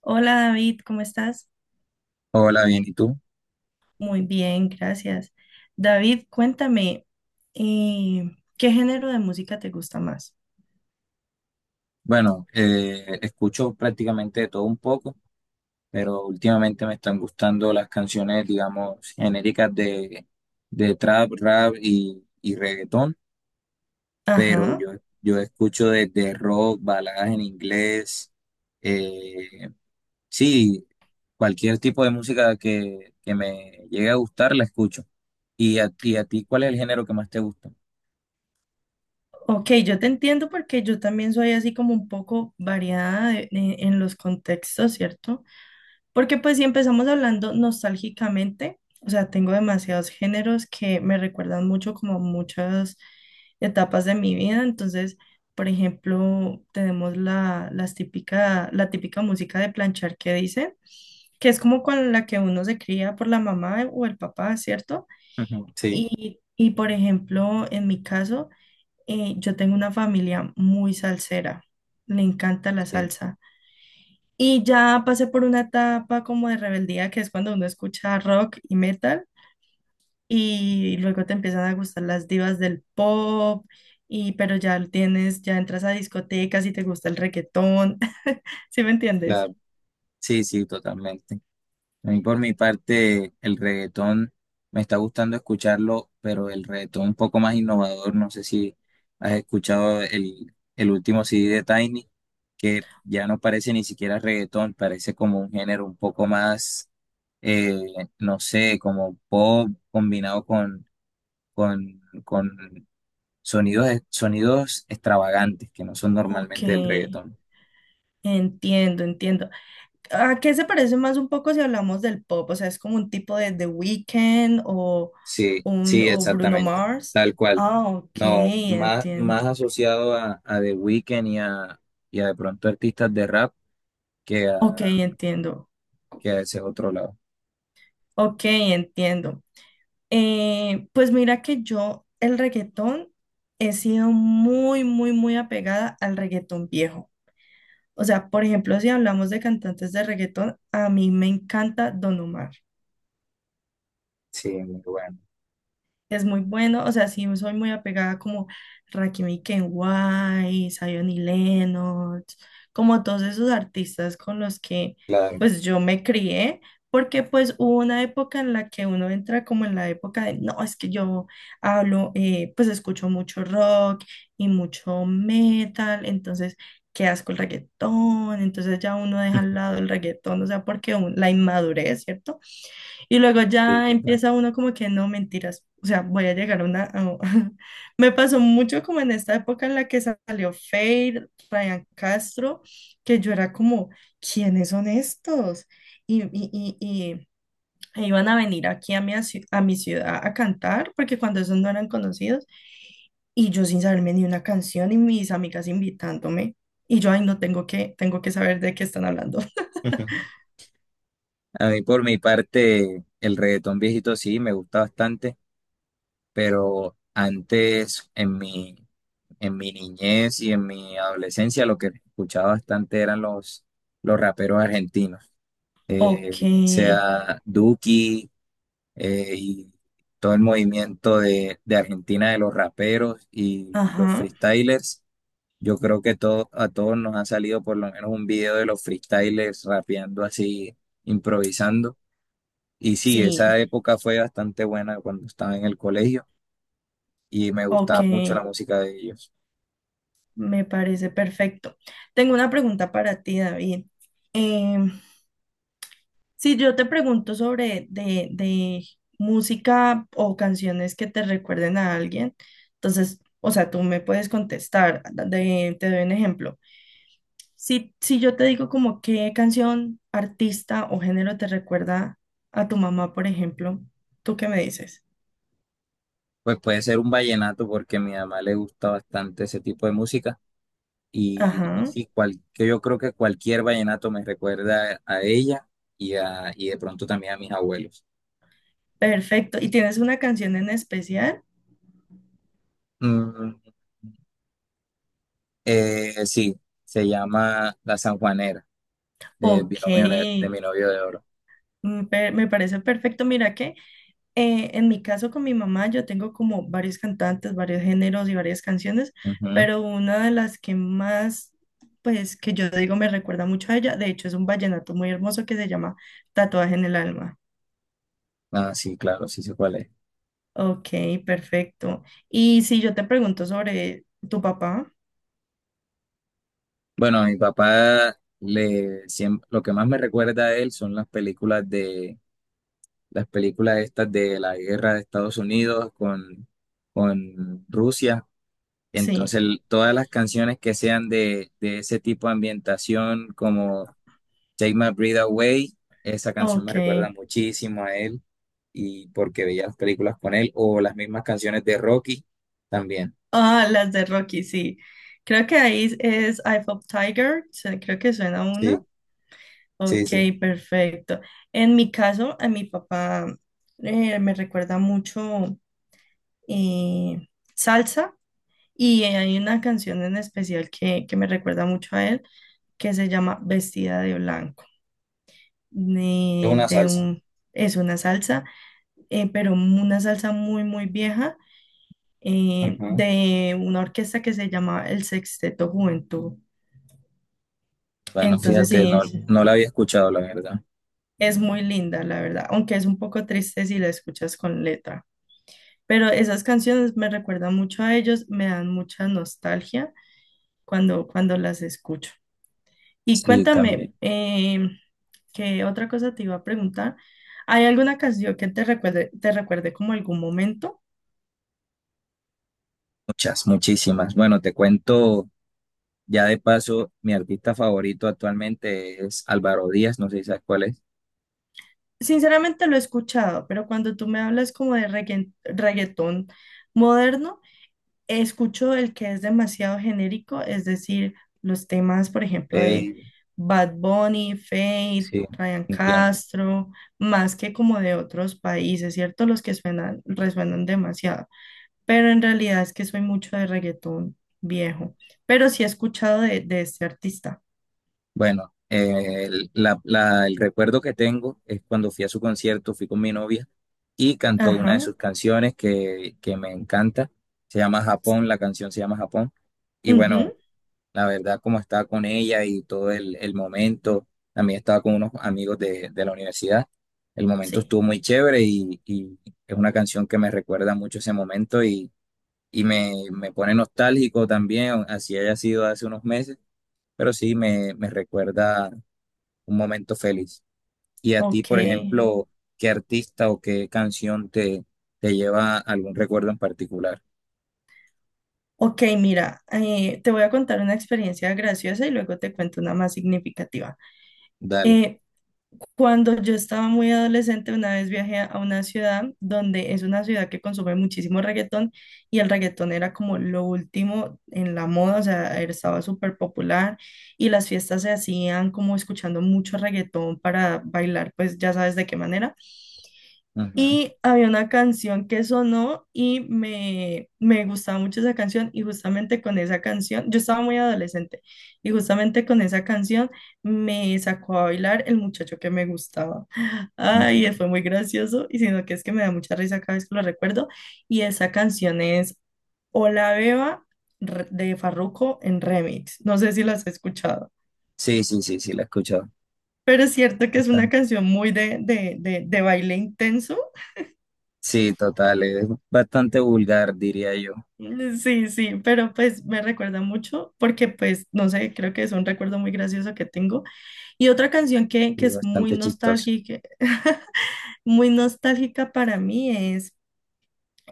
Hola David, ¿cómo estás? Hola, bien, ¿y tú? Muy bien, gracias. David, cuéntame, eh, ¿qué género de música te gusta más? Bueno, escucho prácticamente de todo un poco, pero últimamente me están gustando las canciones, digamos, genéricas de trap, rap y reggaetón, pero Ajá, yo escucho desde rock, baladas en inglés, eh, sí, cualquier tipo de música que me llegue a gustar, la escucho. ¿Y a ti cuál es el género que más te gusta? ok, yo te entiendo porque yo también soy así como un poco variada en los contextos, ¿cierto? Porque pues si empezamos hablando nostálgicamente, o sea, tengo demasiados géneros que me recuerdan mucho como muchas etapas de mi vida. Entonces, por ejemplo, tenemos la típica música de planchar que dice, que es como con la que uno se cría por la mamá o el papá, ¿cierto? Ujú. Sí, Y por ejemplo, en mi caso, yo tengo una familia muy salsera, le encanta la sí, salsa. Y ya pasé por una etapa como de rebeldía, que es cuando uno escucha rock y metal, y luego te empiezan a gustar las divas del pop, y pero ya lo tienes, ya entras a discotecas y te gusta el reggaetón. ¿Sí me entiendes? claro, sí, sí, totalmente. A mí por mi parte, el reggaetón me está gustando escucharlo, pero el reggaetón un poco más innovador. No sé si has escuchado el último CD de Tiny, que ya no parece ni siquiera reggaetón, parece como un género un poco más, eh, no sé, como pop combinado con, con sonidos, sonidos extravagantes que no son Ok, normalmente del reggaetón. entiendo, entiendo. ¿A qué se parece más un poco si hablamos del pop? O sea, es como un tipo de The Weeknd o, Sí, un, sí, o Bruno exactamente, Mars. tal cual. Ah, ok, No, más, entiendo. más asociado a The Weeknd y a de pronto artistas de rap que a, Ok, entiendo. que a ese otro lado. Ok, entiendo. Pues mira que yo el reggaetón he sido muy, muy, muy apegada al reggaetón viejo. O sea, por ejemplo, si hablamos de cantantes de reggaetón, a mí me encanta Don Omar. Sí, muy bueno, Es muy bueno, o sea, sí soy muy apegada como Rakim y Ken Wise, Zion y Lennox, como todos esos artistas con los que claro, pues yo me crié, porque pues hubo una época en la que uno entra como en la época de, no, es que yo hablo, pues escucho mucho rock y mucho metal, entonces qué asco el reggaetón, entonces ya uno deja al lado el reggaetón, o sea, porque la inmadurez, ¿cierto? Y luego sí, ya total. empieza uno como que no, mentiras. O sea, voy a llegar a una... a- Me pasó mucho como en esta época en la que salió Feid, Ryan Castro, que yo era como, ¿quiénes son estos? Y e iban a venir aquí a a mi ciudad a cantar, porque cuando esos no eran conocidos, y yo sin saberme ni una canción y mis amigas invitándome, y yo, ay, no tengo que, tengo que saber de qué están hablando. A mí por mi parte, el reggaetón viejito sí, me gusta bastante, pero antes en mi niñez y en mi adolescencia lo que escuchaba bastante eran los raperos argentinos, Ok, bien sea Duki, y todo el movimiento de Argentina de los raperos y los ajá, freestylers. Yo creo que todo, a todos nos ha salido por lo menos un video de los freestylers rapeando así, improvisando. Y sí, esa sí, época fue bastante buena cuando estaba en el colegio y me ok. gustaba mucho la música de ellos. Me parece perfecto. Tengo una pregunta para ti, David. Em, si yo te pregunto sobre de música o canciones que te recuerden a alguien, entonces, o sea, tú me puedes contestar. Te doy un ejemplo. Si yo te digo como qué canción, artista o género te recuerda a tu mamá, por ejemplo, ¿tú qué me dices? Pues puede ser un vallenato porque a mi mamá le gusta bastante ese tipo de música. Y Ajá. sí, que yo creo que cualquier vallenato me recuerda a ella y, a, y de pronto también a mis abuelos. Perfecto. ¿Y tienes una canción en especial? Mm, sí, se llama La Sanjuanera, de Ok, binomio novio, de mi novio de oro. mm, per- me parece perfecto. Mira que en mi caso con mi mamá yo tengo como varios cantantes, varios géneros y varias canciones, Ujú. pero una de las que más, pues que yo digo me recuerda mucho a ella, de hecho es un vallenato muy hermoso que se llama Tatuaje en el alma. Ah, sí, claro, sí sé cuál es. Ok, perfecto. Y si yo te pregunto sobre tu papá, Bueno, a mi papá le, lo que más me recuerda a él son las películas de, las películas estas de la guerra de Estados Unidos con Rusia. Entonces, sí. Todas las canciones que sean de ese tipo de ambientación, como Take My Breath Away, esa canción me Ok. recuerda muchísimo a él y porque veía las películas con él, o las mismas canciones de Rocky también. Ah, las de Rocky, sí. Creo que ahí es Eye of Tiger, se- creo que suena Sí, una. sí, Ok, sí. perfecto. En mi caso, a mi papá me recuerda mucho eh, salsa y hay una canción en especial que me recuerda mucho a él que se llama Vestida de Blanco. Es una De salsa. un, es una salsa, pero una salsa muy, muy vieja, Ujú. de una orquesta que se llama el Sexteto Juventud. Bueno, Entonces fíjate, sí, no, no la había escuchado, la verdad. es muy linda, la verdad, aunque es un poco triste si la escuchas con letra. Pero esas canciones me recuerdan mucho a ellos, me dan mucha nostalgia cuando, cuando las escucho. Y Sí, cuéntame, también. ¿Qué otra cosa te iba a preguntar? ¿Hay alguna canción que te recuerde como algún momento? Muchas, muchísimas. Bueno, te cuento ya de paso, mi artista favorito actualmente es Álvaro Díaz, no sé si sabes cuál es. Sinceramente lo he escuchado, pero cuando tú me hablas como de regga- reggaetón moderno, escucho el que es demasiado genérico, es decir, los temas, por ejemplo, de Ey, Bad Bunny, Fate, sí, Ryan entiendo. Castro, más que como de otros países, ¿cierto? Los que suenan, resuenan demasiado. Pero en realidad es que soy mucho de reggaetón viejo. Pero sí he escuchado de este artista. Bueno, el recuerdo que tengo es cuando fui a su concierto, fui con mi novia y cantó una de Ajá. sus canciones que me encanta. Se llama Japón, la canción se llama Japón. Y bueno, Ujú, la verdad, como estaba con ella y todo el momento, también estaba con unos amigos de la universidad. El momento sí. estuvo muy chévere y es una canción que me recuerda mucho ese momento y me pone nostálgico también, así haya sido hace unos meses, pero sí me recuerda un momento feliz. Y a ti, Ok. por ejemplo, ¿qué artista o qué canción te lleva a algún recuerdo en particular? Ok, mira, te voy a contar una experiencia graciosa y luego te cuento una más significativa. Dale. Eh, Cuando yo estaba muy adolescente, una vez viajé a una ciudad donde es una ciudad que consume muchísimo reggaetón y el reggaetón era como lo último en la moda, o sea, era- estaba súper popular y las fiestas se hacían como escuchando mucho reggaetón para bailar, pues ya sabes de qué manera. Ujú, Y había una canción que sonó y me gustaba mucho esa canción y justamente con esa canción, yo estaba muy adolescente y justamente con esa canción me sacó a bailar el muchacho que me gustaba. Ay, ujú. fue muy gracioso y sino que es que me da mucha risa cada vez que lo recuerdo y esa canción es Hola Beba, re- de Farruko en remix. No sé si las has escuchado, Sí, sí, sí, sí, la he escuchado. pero es cierto que es una Bastante. canción muy de baile intenso. Sí, total, es bastante vulgar, diría yo, Sí, sí, pero pues me recuerda mucho porque pues no sé, creo que es un recuerdo muy gracioso que tengo. Y otra canción que y es muy bastante chistoso. nostálgica, muy nostálgica para mí es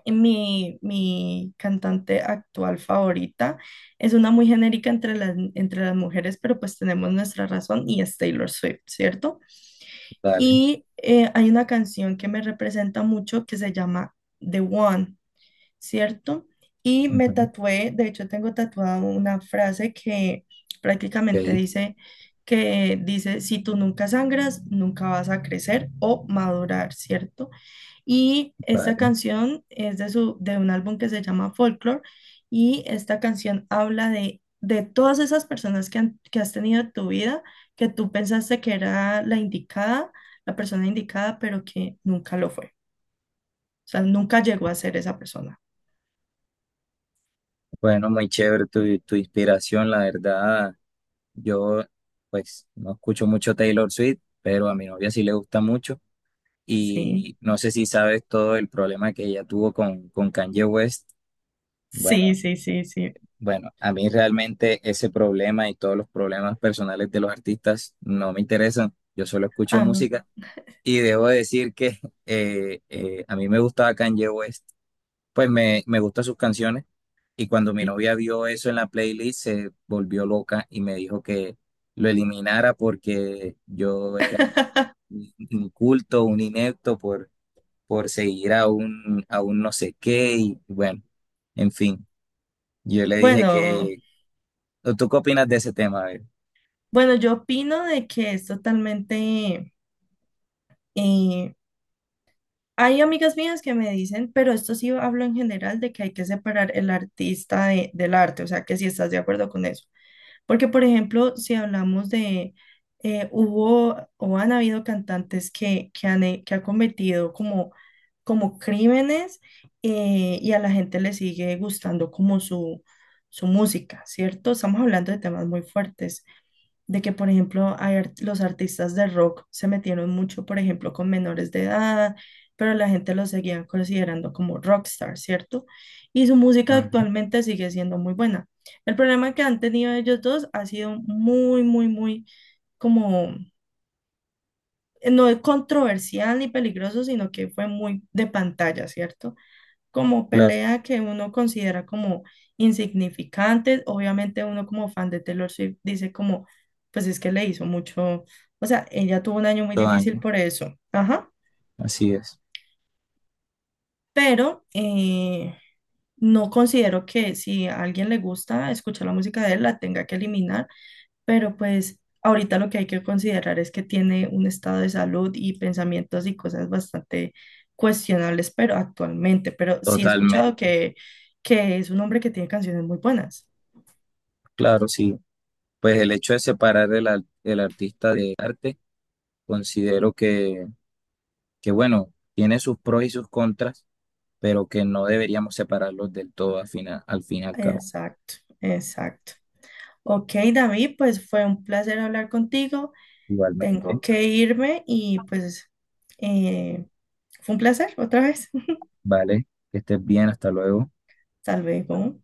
mi cantante actual favorita. Es una muy genérica entre entre las mujeres, pero pues tenemos nuestra razón y es Taylor Swift, ¿cierto? Dale. Y hay una canción que me representa mucho que se llama The One. ¿Cierto? Y me Ujú. tatué, de hecho tengo tatuada una frase que prácticamente Ok, dice que dice, si tú nunca sangras, nunca vas a crecer o madurar, ¿cierto? Y esta vale. canción es de un álbum que se llama Folklore y esta canción habla de todas esas personas que, han- que has tenido en tu vida, que tú pensaste que era la indicada, la persona indicada, pero que nunca lo fue. O sea, nunca llegó a ser esa persona. Bueno, muy chévere tu inspiración, la verdad. Yo, pues, no escucho mucho Taylor Swift, pero a mi novia sí le gusta mucho. Sí. Y no sé si sabes todo el problema que ella tuvo con Kanye West. Sí, Bueno, sí, sí, sí. bueno, a mí realmente ese problema y todos los problemas personales de los artistas no me interesan. Yo solo escucho Am, música y debo decir que a mí me gustaba Kanye West. Pues me gustan sus canciones y cuando mi y- novia vio eso en la playlist se volvió loca y me dijo que lo eliminara porque yo era un inculto, un inepto por seguir a un no sé qué y bueno, en fin, yo le dije Bueno, que, ¿o tú qué opinas de ese tema? A ver. bueno, yo opino de que es totalmente... eh, hay amigas mías que me dicen, pero esto sí hablo en general de que hay que separar el artista del arte, o sea, que si estás de acuerdo con eso. Porque, por ejemplo, si hablamos de, hubo o han habido cantantes que, que han cometido como, como crímenes, y a la gente le sigue gustando como su música, ¿cierto? Estamos hablando de temas muy fuertes de que, por ejemplo, hay los artistas de rock se metieron mucho, por ejemplo, con menores de edad, pero la gente los seguía considerando como rockstar, ¿cierto? Y su música Ujú. actualmente sigue siendo muy buena. El problema que han tenido ellos dos ha sido muy, muy, muy como, no es controversial ni peligroso, sino que fue muy de pantalla, ¿cierto? Como Claro, pelea que uno considera como insignificantes. Obviamente uno como fan de Taylor Swift dice como, pues es que le hizo mucho, o sea, ella tuvo un año muy todo difícil daño, por eso, ajá, así es, pero no considero que si a alguien le gusta escuchar la música de él, la tenga que eliminar, pero pues ahorita lo que hay que considerar es que tiene un estado de salud y pensamientos y cosas bastante cuestionables, pero actualmente, pero sí he escuchado totalmente. Que es un hombre que tiene canciones muy buenas. Claro, sí. Pues el hecho de separar el artista de arte, considero que, bueno, tiene sus pros y sus contras, pero que no deberíamos separarlos del todo al final, al fin y al cabo. Exacto, exacto. Ok, David, pues fue un placer hablar contigo. Igualmente, Tengo que irme y pues eh, fue un placer otra vez. vale, que estés bien, hasta luego. Hasta luego.